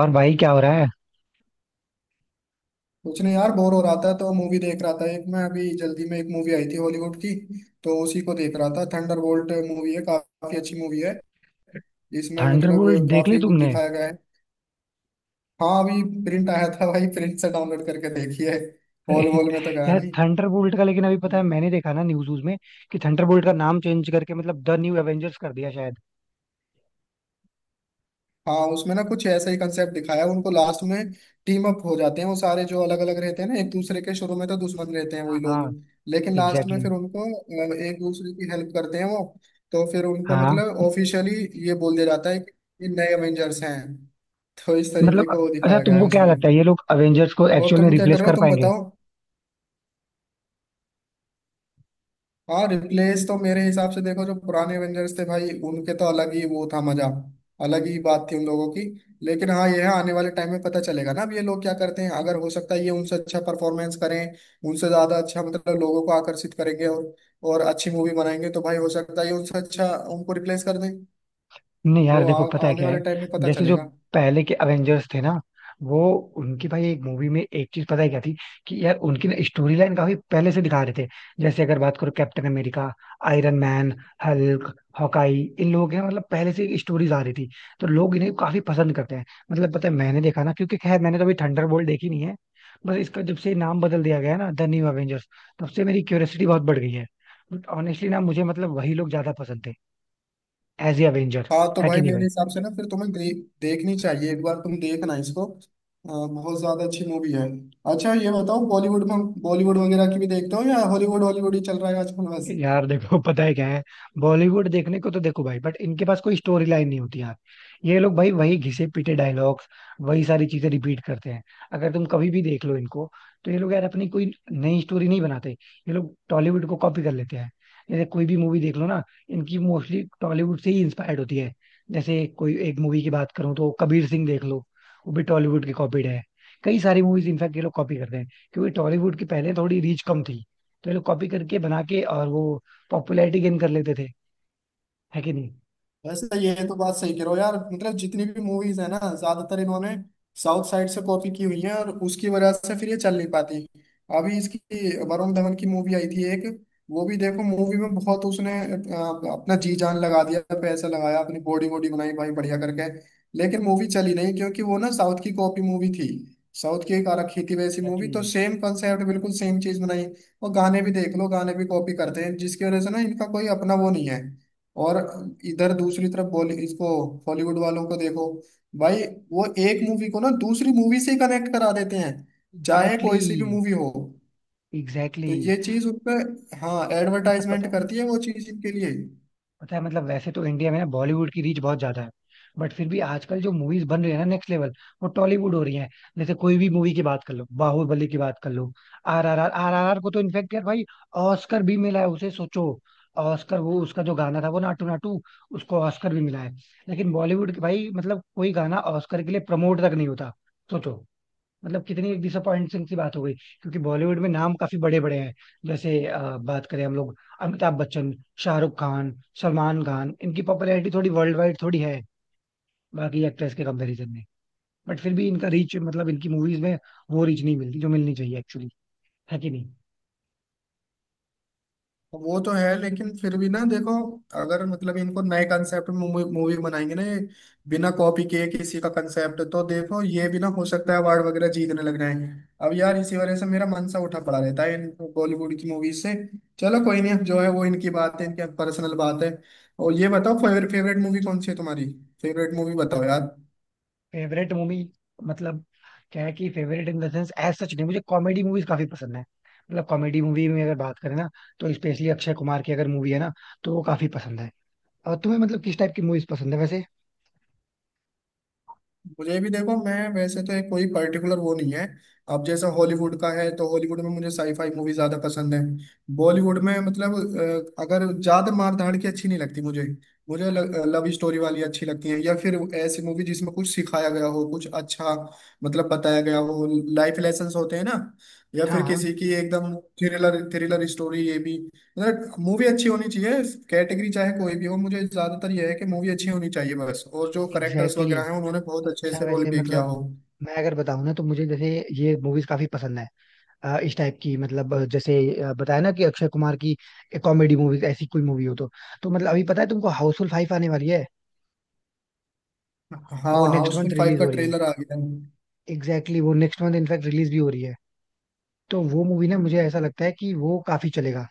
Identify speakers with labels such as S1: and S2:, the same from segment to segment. S1: और भाई क्या हो रहा है?
S2: कुछ नहीं यार। बोर हो रहा था तो मूवी देख रहा था। एक मैं अभी जल्दी में, एक मूवी आई थी हॉलीवुड की, तो उसी को देख रहा था। थंडरबोल्ट मूवी है, काफी अच्छी मूवी है। इसमें मतलब
S1: थंडरबोल्ट देख ली
S2: काफी कुछ
S1: तुमने?
S2: दिखाया गया है। हाँ, अभी प्रिंट आया था भाई, प्रिंट से डाउनलोड करके देखी है।
S1: अरे
S2: हॉल वॉल में तो गया
S1: यार,
S2: नहीं।
S1: थंडरबोल्ट का, लेकिन अभी पता है, मैंने देखा ना न्यूज व्यूज में कि थंडरबोल्ट का नाम चेंज करके मतलब द न्यू एवेंजर्स कर दिया शायद.
S2: हाँ, उसमें ना कुछ ऐसा ही कंसेप्ट दिखाया, उनको लास्ट में टीम अप हो जाते हैं वो सारे जो अलग अलग रहते हैं ना, एक दूसरे के शुरू में तो दुश्मन रहते हैं वही
S1: हाँ,
S2: लोग।
S1: हाँ.
S2: लेकिन लास्ट में
S1: एग्जैक्टली.
S2: फिर उनको एक दूसरे की हेल्प करते हैं वो। तो फिर उनको
S1: हाँ.
S2: मतलब ऑफिशियली ये बोल दिया जाता है कि ये नए एवेंजर्स हैं। तो इस तरीके
S1: मतलब.
S2: का वो
S1: अच्छा,
S2: दिखाया गया है
S1: तुमको क्या
S2: उसमें।
S1: लगता है ये लोग अवेंजर्स को
S2: और
S1: एक्चुअल में
S2: तुम क्या कर
S1: रिप्लेस
S2: रहे हो,
S1: कर
S2: तुम
S1: पाएंगे?
S2: बताओ। हाँ, रिप्लेस तो मेरे हिसाब से देखो, जो पुराने एवेंजर्स थे भाई, उनके तो अलग ही वो था मजा, अलग ही बात थी उन लोगों की। लेकिन हाँ, यह आने वाले टाइम में पता चलेगा ना अब ये लोग क्या करते हैं। अगर हो सकता है ये उनसे अच्छा परफॉर्मेंस करें, उनसे ज्यादा अच्छा मतलब लोगों को आकर्षित करेंगे, और अच्छी मूवी बनाएंगे, तो भाई हो सकता है ये उनसे अच्छा, उनको रिप्लेस कर दें।
S1: नहीं
S2: वो
S1: यार, देखो
S2: आ,
S1: पता है
S2: आने
S1: क्या
S2: वाले
S1: है.
S2: टाइम में पता
S1: जैसे जो
S2: चलेगा।
S1: पहले के अवेंजर्स थे ना, वो, उनकी भाई एक मूवी में एक चीज पता है क्या थी, कि यार उनकी ना स्टोरी लाइन काफी पहले से दिखा रहे थे. जैसे अगर बात करो Captain America, Iron Man, Hulk, Hawkeye, इन लोगों के ना मतलब पहले से स्टोरीज आ रही थी. तो लोग इन्हें काफी पसंद करते हैं. मतलब पता है मैंने देखा ना, क्योंकि खैर मैंने तो अभी थंडरबोल्ट देखी नहीं है. बस इसका जब से नाम बदल दिया गया है ना द न्यू अवेंजर्स, तब से मेरी क्यूरियोसिटी बहुत बढ़ गई है. बट ऑनेस्टली ना मुझे मतलब वही लोग ज्यादा पसंद थे एज ए अवेंजर.
S2: हाँ तो
S1: है कि
S2: भाई
S1: नहीं
S2: मेरे
S1: भाई?
S2: हिसाब से ना, फिर तुम्हें देखनी चाहिए, एक बार तुम देखना इसको, बहुत ज्यादा अच्छी मूवी है। अच्छा ये बताओ, बॉलीवुड वगैरह की भी देखते हो, या हॉलीवुड हॉलीवुड ही चल रहा है आजकल बस।
S1: यार देखो पता है क्या है. बॉलीवुड देखने को तो देखो भाई, बट इनके पास कोई स्टोरी लाइन नहीं होती यार. ये लोग भाई वही घिसे पीटे डायलॉग्स, वही सारी चीजें रिपीट करते हैं. अगर तुम कभी भी देख लो इनको, तो ये लोग यार अपनी कोई नई स्टोरी नहीं बनाते. ये लोग टॉलीवुड को कॉपी कर लेते हैं. जैसे कोई भी मूवी देख लो ना, इनकी मोस्टली टॉलीवुड से ही इंस्पायर्ड होती है. जैसे कोई एक मूवी की बात करूँ तो कबीर सिंह देख लो, वो भी टॉलीवुड की कॉपीड है. कई सारी मूवीज इनफैक्ट ये लोग कॉपी करते हैं, क्योंकि टॉलीवुड की पहले थोड़ी रीच कम थी. तो ये लोग कॉपी करके बना के और वो पॉपुलैरिटी गेन कर लेते थे. है कि नहीं?
S2: वैसे तो ये तो बात सही कह रहे हो यार, मतलब जितनी भी मूवीज है ना, ज्यादातर इन्होंने साउथ साइड से कॉपी की हुई है, और उसकी वजह से फिर ये चल नहीं पाती। अभी इसकी, वरुण धवन की मूवी आई थी एक, वो भी देखो, मूवी में बहुत उसने अपना जी जान लगा दिया, पैसा लगाया, अपनी बॉडी वॉडी बनाई भाई बढ़िया करके। लेकिन मूवी चली नहीं क्योंकि वो ना साउथ की कॉपी मूवी थी। साउथ की एक आ रखी थी वैसी मूवी, तो
S1: एग्जैक्टली.
S2: सेम कंसेप्ट बिल्कुल सेम चीज बनाई। और गाने भी देख लो, गाने भी कॉपी करते हैं, जिसकी वजह से ना इनका कोई अपना वो नहीं है। और इधर दूसरी तरफ बॉली इसको, हॉलीवुड वालों को देखो भाई, वो एक मूवी को ना दूसरी मूवी से कनेक्ट करा देते हैं, चाहे
S1: एग्जैक्टली
S2: कोई सी भी
S1: exactly.
S2: मूवी हो।
S1: एग्जैक्टली
S2: तो
S1: exactly.
S2: ये चीज उन पे, हाँ,
S1: अच्छा, पता
S2: एडवर्टाइजमेंट
S1: है.
S2: करती है वो चीज इनके लिए।
S1: पता है मतलब, वैसे तो इंडिया में ना बॉलीवुड की रीच बहुत ज्यादा है. बट फिर भी आजकल जो मूवीज बन रही है ना नेक्स्ट लेवल, वो टॉलीवुड हो रही है. जैसे कोई भी मूवी की बात कर लो, बाहुबली की बात कर लो, RRR RRR को तो इनफेक्ट यार भाई, ऑस्कर भी मिला है उसे, सोचो. ऑस्कर, वो उसका जो गाना था वो नाटू नाटू, उसको ऑस्कर भी मिला है. लेकिन बॉलीवुड के भाई मतलब कोई गाना ऑस्कर के लिए प्रमोट तक नहीं होता. सोचो. मतलब कितनी डिसअपॉइंटिंग सी बात हो गई. क्योंकि बॉलीवुड में नाम काफी बड़े बड़े हैं. जैसे बात करें हम लोग, अमिताभ बच्चन, शाहरुख खान, सलमान खान, इनकी पॉपुलैरिटी थोड़ी वर्ल्ड वाइड थोड़ी है बाकी एक्ट्रेस के कंपैरिजन में. बट फिर भी इनका रीच मतलब इनकी मूवीज में वो रीच नहीं मिलती जो मिलनी चाहिए एक्चुअली. है कि नहीं?
S2: वो तो है, लेकिन फिर भी ना देखो, अगर मतलब इनको नए कंसेप्ट में मूवी बनाएंगे ना ये, बिना कॉपी किए किसी का कंसेप्ट, तो देखो ये भी ना हो सकता है अवार्ड वगैरह जीतने लग जाए। अब यार इसी वजह से मेरा मन सा उठा पड़ा रहता है इन बॉलीवुड की मूवीज से। चलो कोई नहीं, अब जो है वो इनकी बात है, इनकी पर्सनल बात है। और ये बताओ, फेवरेट फेवरेट मूवी कौन सी है तुम्हारी, फेवरेट मूवी बताओ यार।
S1: फेवरेट मूवी, मतलब, क्या है कि favourite in the sense as such नहीं, मुझे कॉमेडी मूवीज काफी पसंद है. मतलब कॉमेडी मूवी में अगर बात करें ना, तो स्पेशली अक्षय कुमार की अगर मूवी है ना, तो वो काफी पसंद है. और तुम्हें मतलब किस टाइप की मूवीज पसंद है वैसे?
S2: मुझे भी देखो, मैं वैसे तो एक कोई पर्टिकुलर वो नहीं है। अब जैसा हॉलीवुड का है, तो हॉलीवुड में मुझे साईफाई मूवी ज्यादा पसंद है। बॉलीवुड में मतलब अगर ज्यादा मार धाड़ की अच्छी नहीं लगती मुझे, मुझे लव स्टोरी वाली अच्छी लगती है, या फिर ऐसी मूवी जिसमें कुछ सिखाया गया हो, कुछ अच्छा मतलब बताया गया हो, लाइफ लेसन होते हैं ना, या
S1: हाँ,
S2: फिर
S1: हाँ.
S2: किसी की एकदम थ्रिलर थ्रिलर स्टोरी, ये भी, मतलब मूवी अच्छी होनी चाहिए। कैटेगरी चाहे कोई भी हो, मुझे ज्यादातर यह है कि मूवी अच्छी होनी चाहिए बस, और जो करेक्टर्स
S1: एग्जैक्टली
S2: वगैरह हैं
S1: exactly.
S2: उन्होंने बहुत अच्छे से
S1: अच्छा
S2: रोल
S1: वैसे
S2: प्ले किया
S1: मतलब,
S2: हो।
S1: मैं अगर बताऊं ना, तो मुझे जैसे ये मूवीज काफी पसंद है. इस टाइप की, मतलब जैसे, बताया ना कि अक्षय कुमार की कॉमेडी मूवीज, ऐसी कोई मूवी हो तो. तो मतलब अभी पता है तुमको हाउसफुल 5 आने वाली है.
S2: हाँ
S1: वो
S2: हाँ,
S1: नेक्स्ट
S2: उसमें
S1: मंथ
S2: फाइव
S1: रिलीज
S2: का
S1: हो रही है.
S2: ट्रेलर आ गया है।
S1: एग्जैक्टली exactly, वो नेक्स्ट मंथ इनफैक्ट रिलीज भी हो रही है. तो वो मूवी ना, मुझे ऐसा लगता है कि वो काफी चलेगा.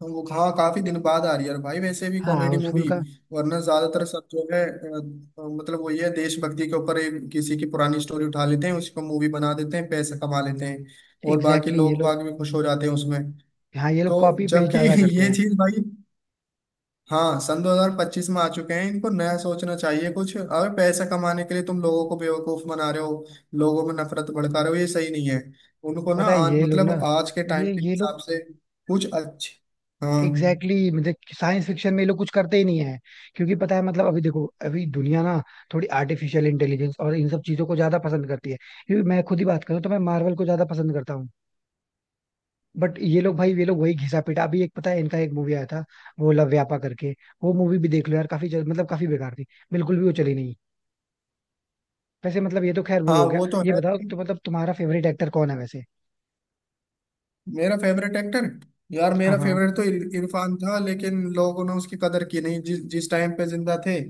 S2: तो वो हाँ काफी दिन बाद आ रही है, और भाई वैसे भी
S1: हाँ,
S2: कॉमेडी
S1: हाउसफुल
S2: मूवी।
S1: का.
S2: वरना ज्यादातर सब जो है मतलब वो ये है, देशभक्ति के ऊपर एक किसी की पुरानी स्टोरी उठा लेते हैं, उसको मूवी बना देते हैं, पैसे कमा लेते हैं,
S1: एग्जैक्टली
S2: और बाकी
S1: exactly, ये
S2: लोग
S1: लोग.
S2: बाग भी खुश हो जाते हैं उसमें।
S1: हाँ, ये लोग
S2: तो
S1: कॉपी पेस्ट
S2: जबकि
S1: ज्यादा करते
S2: ये
S1: हैं.
S2: चीज भाई, हाँ सन 2025 में आ चुके हैं, इनको नया सोचना चाहिए कुछ। अगर पैसा कमाने के लिए तुम लोगों को बेवकूफ बना रहे हो, लोगों में नफरत भड़का रहे हो, ये सही नहीं है। उनको ना
S1: पता है
S2: आज
S1: ये लोग
S2: मतलब
S1: ना,
S2: आज के टाइम
S1: ये
S2: के
S1: ये
S2: हिसाब
S1: लोग.
S2: से कुछ अच्छे, हाँ
S1: एग्जैक्टली exactly, मतलब साइंस फिक्शन में ये लोग कुछ करते ही नहीं है. क्योंकि पता है मतलब, अभी देखो, अभी दुनिया ना थोड़ी आर्टिफिशियल इंटेलिजेंस और इन सब चीजों को ज्यादा पसंद करती है. क्योंकि मैं खुद ही बात करूँ तो मैं मार्वल को ज्यादा पसंद करता हूँ. बट ये लोग भाई, ये लोग वही घिसा पिटा, अभी एक पता है इनका एक मूवी आया था, वो लव व्यापा करके. वो मूवी भी देख लो यार, काफी मतलब काफी बेकार थी. बिल्कुल भी वो चली नहीं. वैसे मतलब ये तो खैर वो
S2: हाँ,
S1: हो गया,
S2: वो तो
S1: ये
S2: है
S1: बताओ
S2: लेकिन,
S1: तो मतलब तुम्हारा फेवरेट एक्टर कौन है वैसे?
S2: मेरा फेवरेट एक्टर, यार
S1: हाँ,
S2: मेरा
S1: हाँ.
S2: फेवरेट तो इरफान था। लेकिन लोगों ने उसकी कदर की नहीं जिस जिस टाइम पे जिंदा थे,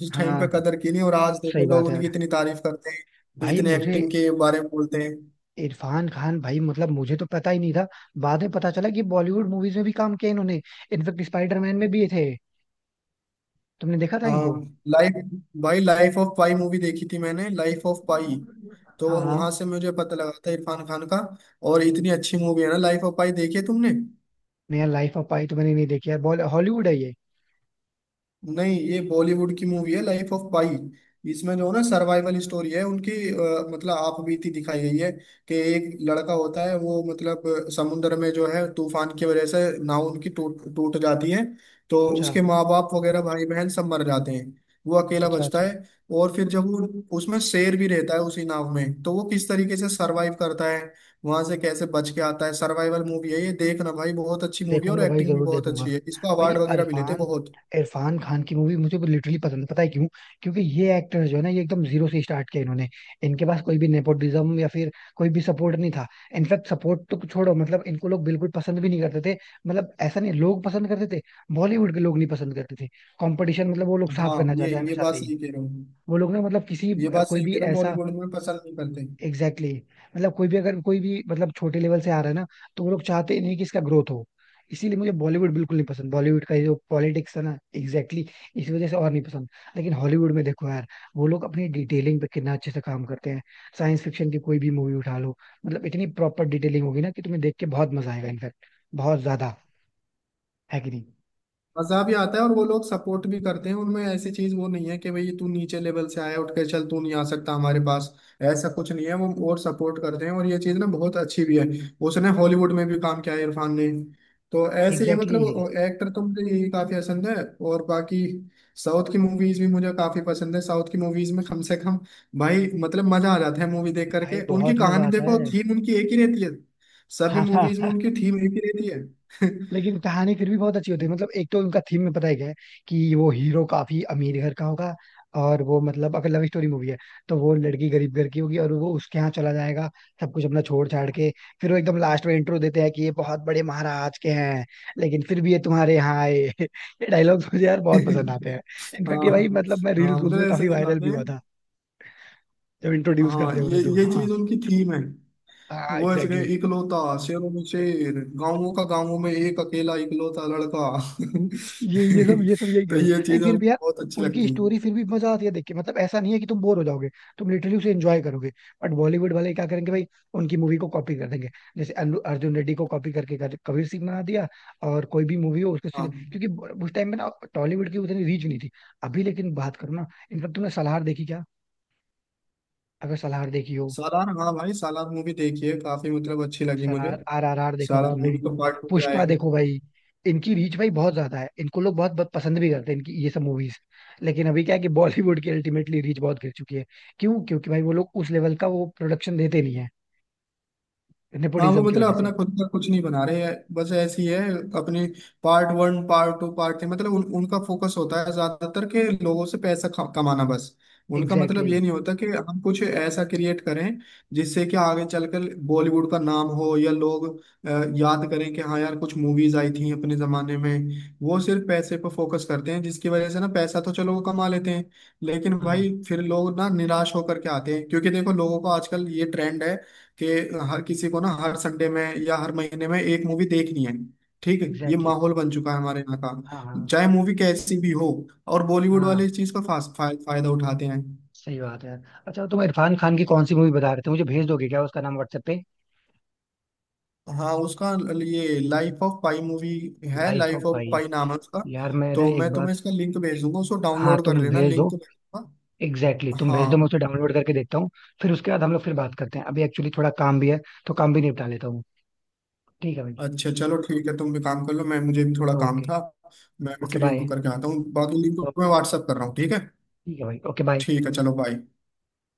S2: जिस टाइम पे
S1: हाँ.
S2: कदर की नहीं, और आज
S1: सही
S2: देखो लोग
S1: बात है
S2: उनकी
S1: यार.
S2: इतनी तारीफ करते हैं,
S1: भाई
S2: इतने
S1: मुझे
S2: एक्टिंग के बारे में बोलते हैं।
S1: इरफान खान, भाई मतलब मुझे तो पता ही नहीं था. बाद में पता चला कि बॉलीवुड मूवीज में भी काम किया इन्होंने. इनफेक्ट स्पाइडरमैन में भी ये थे. तुमने देखा था इनको?
S2: हाँ, लाइफ, भाई लाइफ ऑफ पाई मूवी देखी थी मैंने, लाइफ ऑफ पाई, तो
S1: हाँ, हाँ.
S2: वहां से मुझे पता लगा था इरफान खान का। और इतनी अच्छी मूवी है ना लाइफ ऑफ पाई, देखी है तुमने?
S1: नया लाइफ ऑफ पाई तो मैंने नहीं देखी यार, बॉल हॉलीवुड है ये.
S2: नहीं ये बॉलीवुड की मूवी है लाइफ ऑफ पाई। इसमें जो है ना सर्वाइवल स्टोरी है उनकी, मतलब आपबीती दिखाई गई है कि एक लड़का होता है, वो मतलब समुद्र में जो है तूफान की वजह से नाव उनकी टूट टूट जाती है, तो
S1: अच्छा,
S2: उसके माँ बाप वगैरह भाई बहन सब मर जाते हैं, वो अकेला
S1: अच्छा.
S2: बचता
S1: अच्छा,
S2: है। और फिर जब वो, उसमें शेर भी रहता है उसी नाव में, तो वो किस तरीके से सरवाइव करता है, वहां से कैसे बच के आता है। सर्वाइवल मूवी है ये, देखना भाई बहुत अच्छी मूवी है, और
S1: देखूंगा भाई,
S2: एक्टिंग भी
S1: जरूर
S2: बहुत अच्छी
S1: देखूंगा.
S2: है, इसका
S1: भाई
S2: अवार्ड वगैरह भी लेते हैं
S1: इरफान
S2: बहुत।
S1: इरफान खान की मूवी मुझे लिटरली पसंद. पता है क्यों? क्योंकि ये एक्टर जो है ना, ये एकदम जीरो से स्टार्ट किया इन्होंने. इनके पास कोई भी नेपोटिज्म या फिर कोई भी सपोर्ट नहीं था. इनफैक्ट सपोर्ट तो छोड़ो, मतलब इनको लोग बिल्कुल पसंद भी नहीं करते थे. मतलब ऐसा नहीं लोग पसंद करते थे, बॉलीवुड के लोग नहीं पसंद करते थे. कंपटीशन, मतलब वो लोग
S2: हाँ
S1: साफ करना
S2: ये
S1: चाहते हैं
S2: ये
S1: हमेशा
S2: बात
S1: से ही.
S2: सही कह रहा हूँ,
S1: वो लोग ना मतलब किसी,
S2: ये बात
S1: कोई
S2: सही
S1: भी
S2: कह रहा हूँ,
S1: ऐसा.
S2: बॉलीवुड में पसंद नहीं करते।
S1: Exactly exactly. मतलब कोई भी, अगर कोई भी मतलब छोटे लेवल से आ रहा है ना, तो वो लोग चाहते ही नहीं कि इसका ग्रोथ हो. इसीलिए मुझे बॉलीवुड बिल्कुल नहीं पसंद, बॉलीवुड का ये जो पॉलिटिक्स है ना, एग्जैक्टली exactly, इस वजह से और नहीं पसंद. लेकिन हॉलीवुड में देखो यार, वो लोग अपनी डिटेलिंग पे कितना अच्छे से काम करते हैं. साइंस फिक्शन की कोई भी मूवी उठा लो, मतलब इतनी प्रॉपर डिटेलिंग होगी ना कि तुम्हें देख के बहुत मजा आएगा इनफैक्ट, बहुत ज्यादा. है कि नहीं?
S2: मजा भी आता है, और वो लोग सपोर्ट भी करते हैं उनमें, ऐसी चीज वो नहीं है कि भाई तू नीचे लेवल से आया उठ के चल, तू नहीं आ सकता हमारे पास, ऐसा कुछ नहीं है वो, और सपोर्ट करते हैं, और ये चीज ना बहुत अच्छी भी है। उसने हॉलीवुड में भी काम किया है इरफान ने। तो ऐसे ही है,
S1: एग्जैक्टली exactly.
S2: मतलब एक्टर तो मुझे यही काफी पसंद है, और बाकी साउथ की मूवीज भी मुझे काफी पसंद है। साउथ की मूवीज में कम से कम भाई मतलब मजा आ जाता है मूवी देख करके,
S1: भाई
S2: उनकी
S1: बहुत
S2: कहानी
S1: मजा आता
S2: देखो,
S1: है.
S2: थीम उनकी एक ही रहती है, सभी
S1: हाँ.
S2: मूवीज में उनकी थीम एक ही रहती है।
S1: लेकिन कहानी फिर भी बहुत अच्छी होती है, मतलब एक तो उनका थीम में पता है क्या है, कि वो हीरो काफी अमीर घर का होगा. और वो मतलब अगर लव स्टोरी मूवी है, तो वो लड़की गरीब घर की होगी और वो उसके यहाँ चला जाएगा सब कुछ अपना छोड़ छाड़ के. फिर वो एकदम लास्ट में इंट्रो देते हैं कि ये बहुत बड़े महाराज के हैं, लेकिन फिर भी ये तुम्हारे यहाँ आए. ये डायलॉग्स मुझे यार बहुत
S2: हाँ,
S1: पसंद आते हैं. इनफैक्ट ये भाई मतलब मैं
S2: हाँ
S1: रील्स में
S2: मतलब ऐसे
S1: काफी वायरल
S2: दिखाते
S1: भी
S2: हैं।
S1: हुआ था जब इंट्रोड्यूस
S2: हाँ
S1: करते
S2: ये
S1: उन्हें तो.
S2: ये
S1: हाँ.
S2: चीज उनकी थीम है,
S1: हाँ,
S2: वो ऐसे कहे,
S1: एग्जैक्टली.
S2: इकलौता, शेरों में शेर, गांवों का, गांवों में एक अकेला इकलौता लड़का।
S1: ये सब ये सब यही
S2: तो
S1: कर रहे
S2: ये
S1: हैं, नहीं
S2: चीजें
S1: फिर
S2: उनको
S1: भी यार
S2: बहुत अच्छी
S1: उनकी
S2: लगती
S1: स्टोरी
S2: हैं।
S1: फिर भी मजा आती है देख के. मतलब ऐसा नहीं है कि तुम बोर हो जाओगे. तुम लिटरली उसे एंजॉय करोगे. बट बॉलीवुड वाले क्या करेंगे भाई, उनकी मूवी को कॉपी कर देंगे. जैसे अर्जुन रेड्डी को कॉपी करके कबीर सिंह बना दिया. और कोई भी मूवी हो उसको सीधे,
S2: हाँ,
S1: क्योंकि उस टाइम में ना टॉलीवुड की उतनी रीच नहीं थी. अभी लेकिन बात करो ना, इनफैक्ट तुमने सलार देखी क्या? अगर सलार देखी हो,
S2: सालार, हाँ भाई सालार मूवी देखिए, काफी मतलब अच्छी लगी मुझे।
S1: सलार RRR देखा हो
S2: सालार
S1: तुमने?
S2: मूवी का पार्ट टू भी
S1: पुष्पा
S2: आएगा।
S1: देखो भाई, इनकी रीच भाई बहुत ज्यादा है, इनको लोग बहुत बहुत पसंद भी करते हैं इनकी ये सब मूवीज. लेकिन अभी क्या है कि बॉलीवुड की अल्टीमेटली रीच बहुत गिर चुकी है. क्यों? क्योंकि भाई वो लोग उस लेवल का वो प्रोडक्शन देते नहीं है
S2: हाँ वो
S1: नेपोटिज्म की वजह
S2: मतलब
S1: से.
S2: अपना खुद का कुछ नहीं बना रहे हैं बस, ऐसी है अपने, part one part two part three, मतलब उनका फोकस होता है ज्यादातर के लोगों से पैसा कमाना बस। उनका
S1: एग्जैक्टली
S2: मतलब ये
S1: exactly,
S2: नहीं होता कि हम कुछ ऐसा क्रिएट करें जिससे कि आगे चलकर बॉलीवुड का नाम हो, या लोग अ, याद करें कि हाँ यार कुछ मूवीज आई थी अपने जमाने में। वो सिर्फ पैसे पर फोकस करते हैं, जिसकी वजह से ना पैसा तो चलो वो कमा लेते हैं, लेकिन
S1: हाँ.
S2: भाई फिर लोग ना निराश होकर के आते हैं। क्योंकि देखो लोगों को आजकल ये ट्रेंड है कि हर किसी को ना हर संडे में या हर महीने में एक मूवी देखनी है। ठीक है, ये
S1: एग्जैक्टली exactly,
S2: माहौल बन चुका है हमारे यहाँ
S1: हाँ, हाँ.
S2: का, चाहे मूवी कैसी भी हो। और बॉलीवुड वाले
S1: हाँ,
S2: इस चीज का फायदा उठाते हैं।
S1: सही बात है. अच्छा, तो तुम इरफान खान की कौन सी मूवी बता रहे थे, मुझे भेज दोगे क्या उसका नाम व्हाट्सएप पे?
S2: हाँ, उसका ये लाइफ ऑफ पाई मूवी है,
S1: लाइफ
S2: लाइफ
S1: ऑफ,
S2: ऑफ
S1: भाई,
S2: पाई नाम है उसका।
S1: यार मैं ना
S2: तो
S1: एक
S2: मैं
S1: बार,
S2: तुम्हें इसका लिंक भेज दूंगा, उसको
S1: हाँ
S2: डाउनलोड कर
S1: तुम
S2: लेना,
S1: भेज दो.
S2: लिंक तो भेजूंगा।
S1: Exactly exactly. तुम भेज दो, मैं
S2: हाँ,
S1: उसे डाउनलोड करके देखता हूँ. फिर उसके बाद हम लोग फिर बात करते हैं, अभी एक्चुअली थोड़ा काम भी है, तो काम भी निपटा लेता हूँ. ठीक है भाई.
S2: अच्छा चलो ठीक है, तुम भी काम कर लो, मैं मुझे भी थोड़ा काम
S1: ओके.
S2: था। मैं भी
S1: ओके,
S2: फ्री
S1: बाय.
S2: होकर के आता हूँ, बाकी लिंक मैं व्हाट्सअप कर रहा हूँ, ठीक है।
S1: ठीक है भाई, ओके, बाय.
S2: ठीक है चलो बाय।